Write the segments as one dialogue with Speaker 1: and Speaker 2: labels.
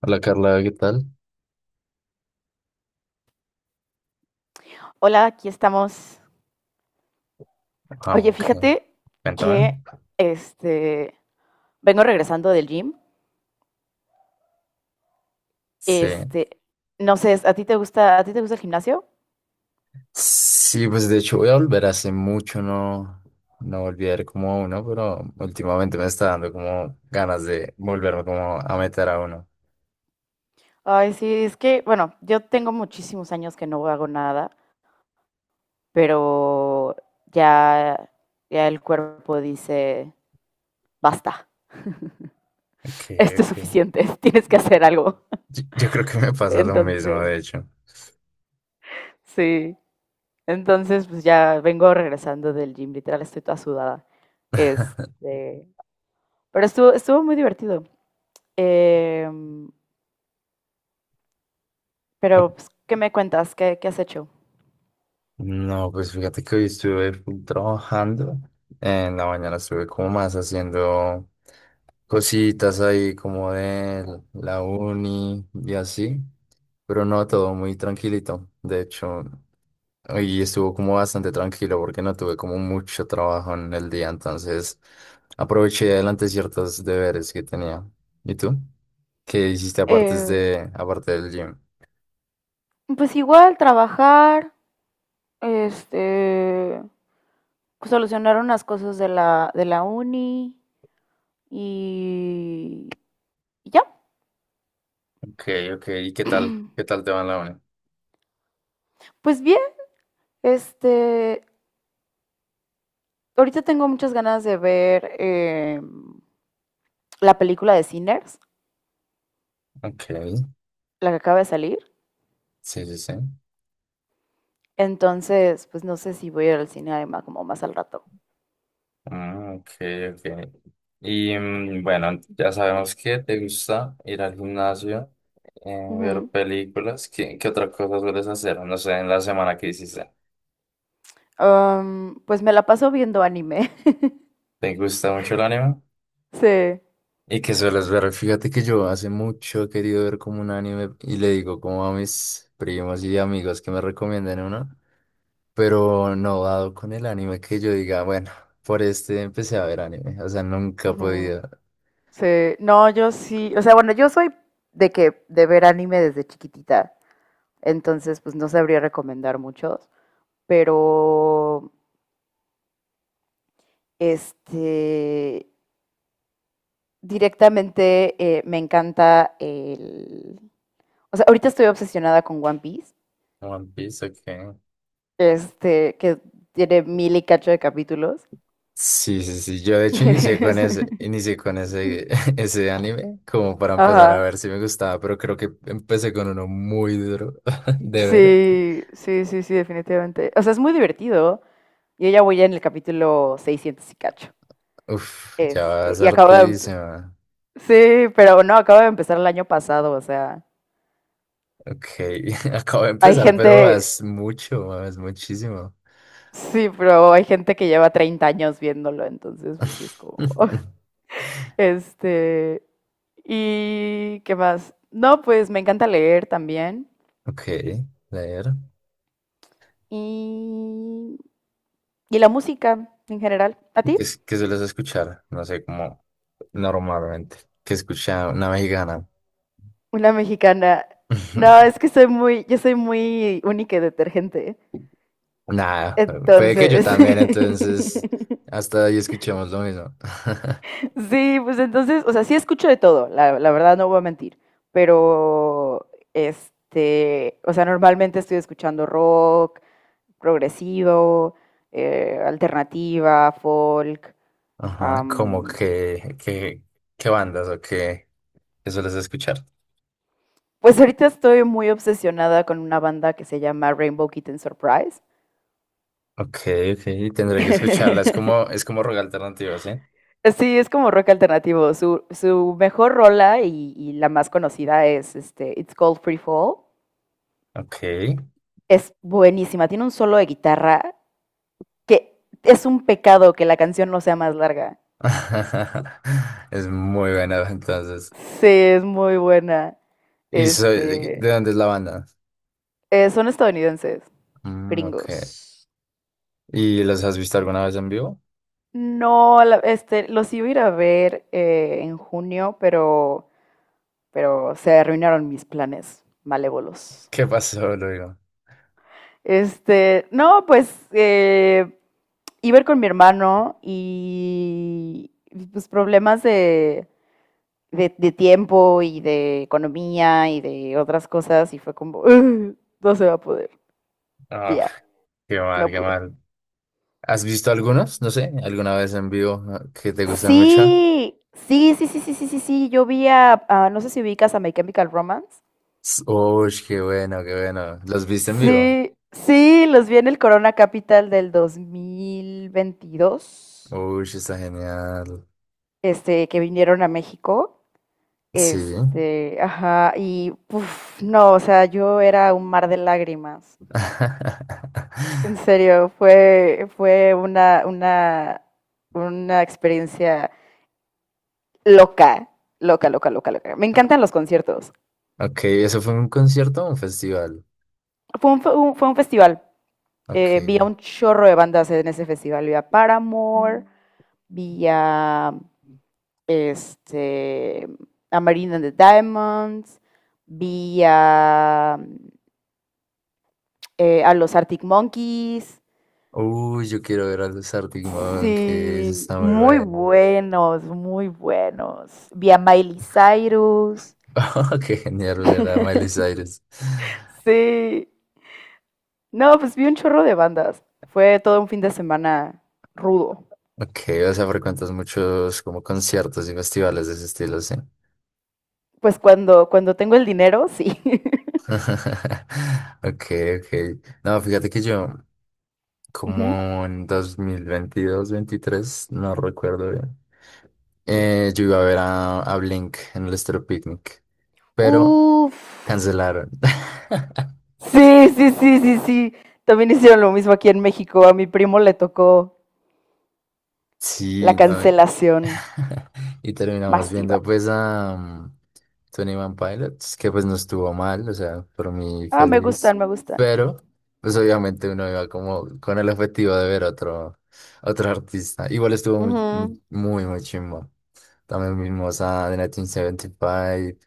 Speaker 1: Hola Carla, ¿qué tal?
Speaker 2: Hola, aquí estamos.
Speaker 1: Ah,
Speaker 2: Oye,
Speaker 1: ok.
Speaker 2: fíjate
Speaker 1: Cuéntame.
Speaker 2: que este vengo regresando del gym.
Speaker 1: Sí.
Speaker 2: Este, no sé, ¿a ti te gusta, a ti te gusta el gimnasio?
Speaker 1: Sí, pues de hecho voy a volver hace mucho, no, no volví a ir como a uno, pero últimamente me está dando como ganas de volverme como a meter a uno.
Speaker 2: Ay, sí, es que, bueno, yo tengo muchísimos años que no hago nada, pero ya, ya el cuerpo dice, basta,
Speaker 1: Ok,
Speaker 2: esto es
Speaker 1: ok.
Speaker 2: suficiente, tienes que hacer algo.
Speaker 1: Yo creo que me pasa lo mismo,
Speaker 2: Entonces,
Speaker 1: de hecho.
Speaker 2: sí, entonces pues ya vengo regresando del gym, literal estoy toda sudada. Este, Pero estuvo muy divertido. Eh, pero, pues, ¿qué me cuentas? Qué has hecho?
Speaker 1: No, pues fíjate que hoy estuve full trabajando. En la mañana estuve como más haciendo cositas ahí como de la uni y así. Pero no, todo muy tranquilito. De hecho, hoy estuvo como bastante tranquilo porque no tuve como mucho trabajo en el día, entonces aproveché y adelanté ciertos deberes que tenía. ¿Y tú? ¿Qué hiciste aparte
Speaker 2: Eh,
Speaker 1: de, aparte del gym?
Speaker 2: pues igual trabajar, este, pues, solucionar unas cosas de de la uni y, y ya.
Speaker 1: Ok, ok. ¿Y qué tal? ¿Qué tal te va en la uni?
Speaker 2: Pues bien, este, ahorita tengo muchas ganas de ver la película de Sinners,
Speaker 1: Ok,
Speaker 2: la que acaba de salir.
Speaker 1: sí, sí, sí.
Speaker 2: Entonces, pues no sé si voy a ir al cine además como más al rato.
Speaker 1: Ah, ok, ok. Y bueno, ya sabemos que te gusta ir al gimnasio, ver
Speaker 2: Ujú.
Speaker 1: películas. ¿Qué otra cosa sueles hacer? No sé, en la semana que hiciste.
Speaker 2: Pues me la paso viendo anime.
Speaker 1: ¿Te gusta mucho el anime?
Speaker 2: Sí,
Speaker 1: ¿Y qué sueles ver? Fíjate que yo hace mucho he querido ver como un anime y le digo como a mis primos y amigos que me recomienden uno, pero no dado con el anime que yo diga, bueno, por este empecé a ver anime. O sea, nunca he
Speaker 2: ujú,
Speaker 1: podido.
Speaker 2: sí. No, yo sí. O sea, bueno, yo soy de que de ver anime desde chiquitita. Entonces, pues no sabría recomendar muchos. Pero, este, directamente me encanta el. O sea, ahorita estoy obsesionada con One Piece.
Speaker 1: One Piece, ok.
Speaker 2: Este, que tiene mil y cacho de capítulos.
Speaker 1: Sí, sí, sí. Yo de hecho inicié con ese, inicié con ese, ese anime como para empezar a
Speaker 2: Ajá.
Speaker 1: ver si me gustaba, pero creo que empecé con uno muy duro de ver.
Speaker 2: Sí, sí, sí, sí, definitivamente. O sea, es muy divertido. Yo ya voy en el capítulo 600 y cacho.
Speaker 1: Uf, ya
Speaker 2: Este,
Speaker 1: vas
Speaker 2: y acabo de...
Speaker 1: hartísima.
Speaker 2: Sí, pero no, acabo de empezar el año pasado, o sea,
Speaker 1: Ok, acabo de
Speaker 2: hay
Speaker 1: empezar, pero
Speaker 2: gente...
Speaker 1: vas mucho, vas muchísimo.
Speaker 2: Sí, pero hay gente que lleva 30 años viéndolo, entonces pues sí es como... Este, ¿y qué más? No, pues me encanta leer también.
Speaker 1: Ok, leer.
Speaker 2: Y, y la música en general. ¿A
Speaker 1: ¿Y
Speaker 2: ti?
Speaker 1: qué sueles escuchar? No sé, como normalmente. ¿Qué escucha una mexicana?
Speaker 2: Una mexicana. No, es que soy muy, yo soy muy única y detergente.
Speaker 1: Nada, puede que yo
Speaker 2: Entonces,
Speaker 1: también, entonces hasta ahí escuchemos lo mismo.
Speaker 2: sí, pues entonces, o sea, sí escucho de todo, la verdad no voy a mentir, pero o sea, normalmente estoy escuchando rock, progresivo, alternativa, folk.
Speaker 1: Ajá, como
Speaker 2: am,
Speaker 1: qué bandas o qué sueles escuchar.
Speaker 2: pues ahorita estoy muy obsesionada con una banda que se llama Rainbow Kitten Surprise.
Speaker 1: Ok, ok, tendré que escucharla. Es como rock alternativo, ¿sí?
Speaker 2: Sí, es como rock alternativo. Su mejor rola y la más conocida es It's Called Free Fall.
Speaker 1: Ok.
Speaker 2: Es buenísima, tiene un solo de guitarra que es un pecado que la canción no sea más larga.
Speaker 1: Es muy buena, entonces.
Speaker 2: Sí, es muy buena.
Speaker 1: ¿Y soy, de,
Speaker 2: Este,
Speaker 1: de dónde es la banda?
Speaker 2: son estadounidenses,
Speaker 1: Mm, ok.
Speaker 2: gringos.
Speaker 1: ¿Y los has visto alguna vez en vivo?
Speaker 2: No, los iba a ir a ver en junio, pero se arruinaron mis planes malévolos.
Speaker 1: ¿Qué pasó, Luego?
Speaker 2: No, pues iba a ir con mi hermano y pues problemas de de tiempo y de economía y de otras cosas y fue como, "Ugh, no se va a poder. Y
Speaker 1: Ah,
Speaker 2: ya,
Speaker 1: qué mal,
Speaker 2: no
Speaker 1: qué
Speaker 2: pude.
Speaker 1: mal. ¿Has visto algunos? No sé, alguna vez en vivo ah, que te gustan mucho.
Speaker 2: Sí, sí, sí, sí, sí, sí, sí, sí, yo vi no sé si ubicas a My Chemical Romance.
Speaker 1: S- Uy, qué bueno, qué bueno. ¿Los viste en vivo?
Speaker 2: Sí, sí, los vi en el Corona Capital del 2022,
Speaker 1: Uy, está genial.
Speaker 2: que vinieron a México.
Speaker 1: Sí.
Speaker 2: Ajá, y puf, no, o sea, yo era un mar de lágrimas. En serio, fue una experiencia loca, loca,
Speaker 1: Y-
Speaker 2: loca, loca, loca. Me encantan los conciertos.
Speaker 1: Ok, ¿eso fue un concierto o un festival?
Speaker 2: Fue un, fue un festival.
Speaker 1: Ok.
Speaker 2: Vi a un chorro de bandas en ese festival. Vi a Paramore, vi a, este, a Marina and the Diamonds, vi a los Arctic Monkeys.
Speaker 1: Uy, yo quiero ver a los Arctic Monkeys,
Speaker 2: Sí,
Speaker 1: está muy
Speaker 2: muy
Speaker 1: bueno.
Speaker 2: buenos, muy buenos. Vi a Miley Cyrus.
Speaker 1: Qué genial ver a Miley Cyrus.
Speaker 2: Sí. No, pues vi un chorro de bandas. Fue todo un fin de semana rudo.
Speaker 1: Ok, o sea, frecuentas muchos como conciertos y festivales de ese estilo, ¿sí?
Speaker 2: Pues cuando, cuando tengo el dinero, sí.
Speaker 1: Okay, okay. No, fíjate que yo,
Speaker 2: Ujú.
Speaker 1: como en 2022, veintitrés, no recuerdo bien, yo iba a ver a Blink en el Estéreo Picnic, pero
Speaker 2: Uf.
Speaker 1: cancelaron.
Speaker 2: Sí, sí, sí, sí, sí. También hicieron lo mismo aquí en México. A mi primo le tocó la
Speaker 1: Sí, no,
Speaker 2: cancelación
Speaker 1: y terminamos
Speaker 2: masiva.
Speaker 1: viendo pues a Tony One Pilots, que pues no estuvo mal, o sea, por mí
Speaker 2: Ah, me
Speaker 1: feliz.
Speaker 2: gustan, me gustan.
Speaker 1: Pero, pues obviamente uno iba como con el objetivo de ver otro artista. Igual estuvo muy, muy,
Speaker 2: Ujú.
Speaker 1: muy, muy chimbo. También vimos a The 1975,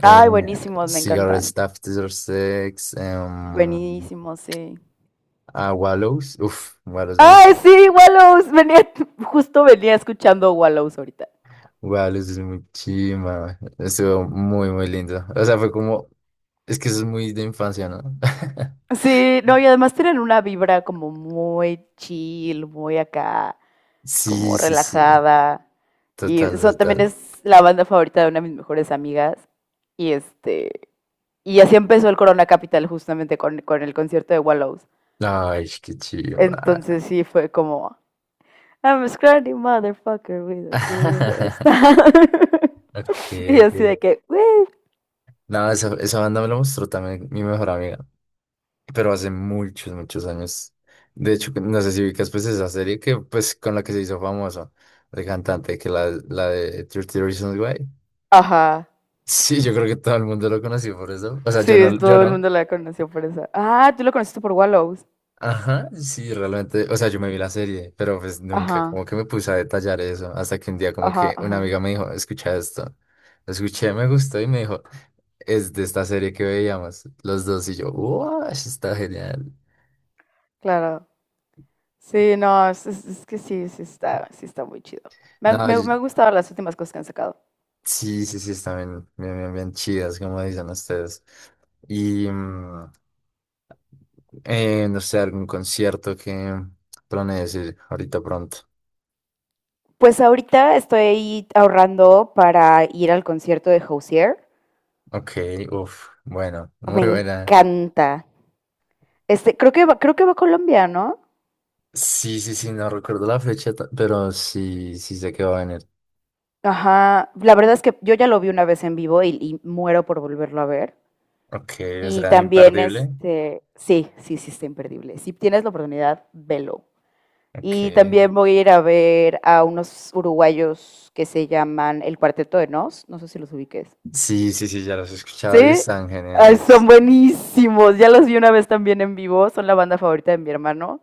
Speaker 2: Ay, buenísimos, me
Speaker 1: Cigarette
Speaker 2: encantan.
Speaker 1: Staff 6, em,
Speaker 2: Buenísimos, sí.
Speaker 1: a Wallows. Uf, Wallows me
Speaker 2: Ay,
Speaker 1: gusta.
Speaker 2: sí, Wallows. Venía, justo venía escuchando Wallows ahorita.
Speaker 1: Wallows es muy chimba. Estuvo muy, muy lindo. O sea, fue como. Es que eso es muy de infancia, ¿no?
Speaker 2: Sí, no, y además tienen una vibra como muy chill, muy acá, como
Speaker 1: Sí, sí, sí.
Speaker 2: relajada. Y
Speaker 1: Total,
Speaker 2: son, también
Speaker 1: total.
Speaker 2: es la banda favorita de una de mis mejores amigas. Y este, y así empezó el Corona Capital justamente con el concierto de Wallows.
Speaker 1: Ay, qué chimba.
Speaker 2: Entonces sí fue como, I'm a scrawny motherfucker with a cool hairstyle.
Speaker 1: Ok,
Speaker 2: Y
Speaker 1: ok.
Speaker 2: así de que, "Woo".
Speaker 1: No, esa banda me la mostró también mi mejor amiga, pero hace muchos, muchos años. De hecho, no sé si ubicas pues esa serie que pues con la que se hizo famoso, el cantante, que la de 30 Reasons Why.
Speaker 2: Ajá.
Speaker 1: Sí, yo creo que todo el mundo lo conoció por eso. O sea, yo
Speaker 2: Sí,
Speaker 1: no, yo
Speaker 2: todo el
Speaker 1: no.
Speaker 2: mundo la conoció por eso. Ah, tú lo conociste por Wallows.
Speaker 1: Ajá, sí, realmente, o sea, yo me vi la serie, pero pues nunca
Speaker 2: Ajá,
Speaker 1: como que me puse a detallar eso, hasta que un día como
Speaker 2: ajá,
Speaker 1: que una
Speaker 2: ajá.
Speaker 1: amiga me dijo, escucha esto, lo escuché, me gustó y me dijo, es de esta serie que veíamos los dos y yo, wow, está genial.
Speaker 2: Claro. Sí, no, es, es que sí, sí está muy chido. Me han,
Speaker 1: No,
Speaker 2: me
Speaker 1: yo-
Speaker 2: han gustado las últimas cosas que han sacado.
Speaker 1: sí, sí, sí, están bien, bien, bien, bien chidas, como dicen ustedes. Y, no sé, algún concierto que planees ir ahorita pronto.
Speaker 2: Pues ahorita estoy ahorrando para ir al concierto de Hozier.
Speaker 1: Ok, uff, bueno,
Speaker 2: Me
Speaker 1: muy buena.
Speaker 2: encanta. Creo que va a Colombia, ¿no?
Speaker 1: Sí, sí, sí, no recuerdo la fecha, ta- pero sí, sí sé que va a venir.
Speaker 2: Ajá. La verdad es que yo ya lo vi una vez en vivo y muero por volverlo a ver.
Speaker 1: Ok, o
Speaker 2: Y
Speaker 1: sea,
Speaker 2: también,
Speaker 1: imperdible.
Speaker 2: sí, sí, sí, está imperdible. Si tienes la oportunidad, velo.
Speaker 1: Ok.
Speaker 2: Y también voy a ir a ver a unos uruguayos que se llaman El Cuarteto de Nos, no sé si los ubiques.
Speaker 1: Sí, sí, sí, ya los he escuchado y
Speaker 2: Sí,
Speaker 1: están
Speaker 2: ay, son
Speaker 1: geniales.
Speaker 2: buenísimos. Ya los vi una vez también en vivo, son la banda favorita de mi hermano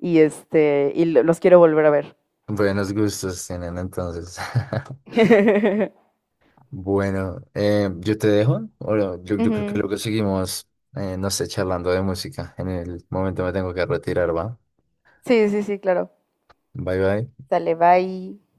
Speaker 2: y los quiero volver a ver.
Speaker 1: Buenos gustos tienen entonces. Bueno, yo te dejo. Bueno, yo creo que
Speaker 2: Ujú.
Speaker 1: luego seguimos, no sé, charlando de música. En el momento me tengo que retirar, ¿va?
Speaker 2: Sí, sí, sí, claro.
Speaker 1: Bye, bye.
Speaker 2: Sale, bye.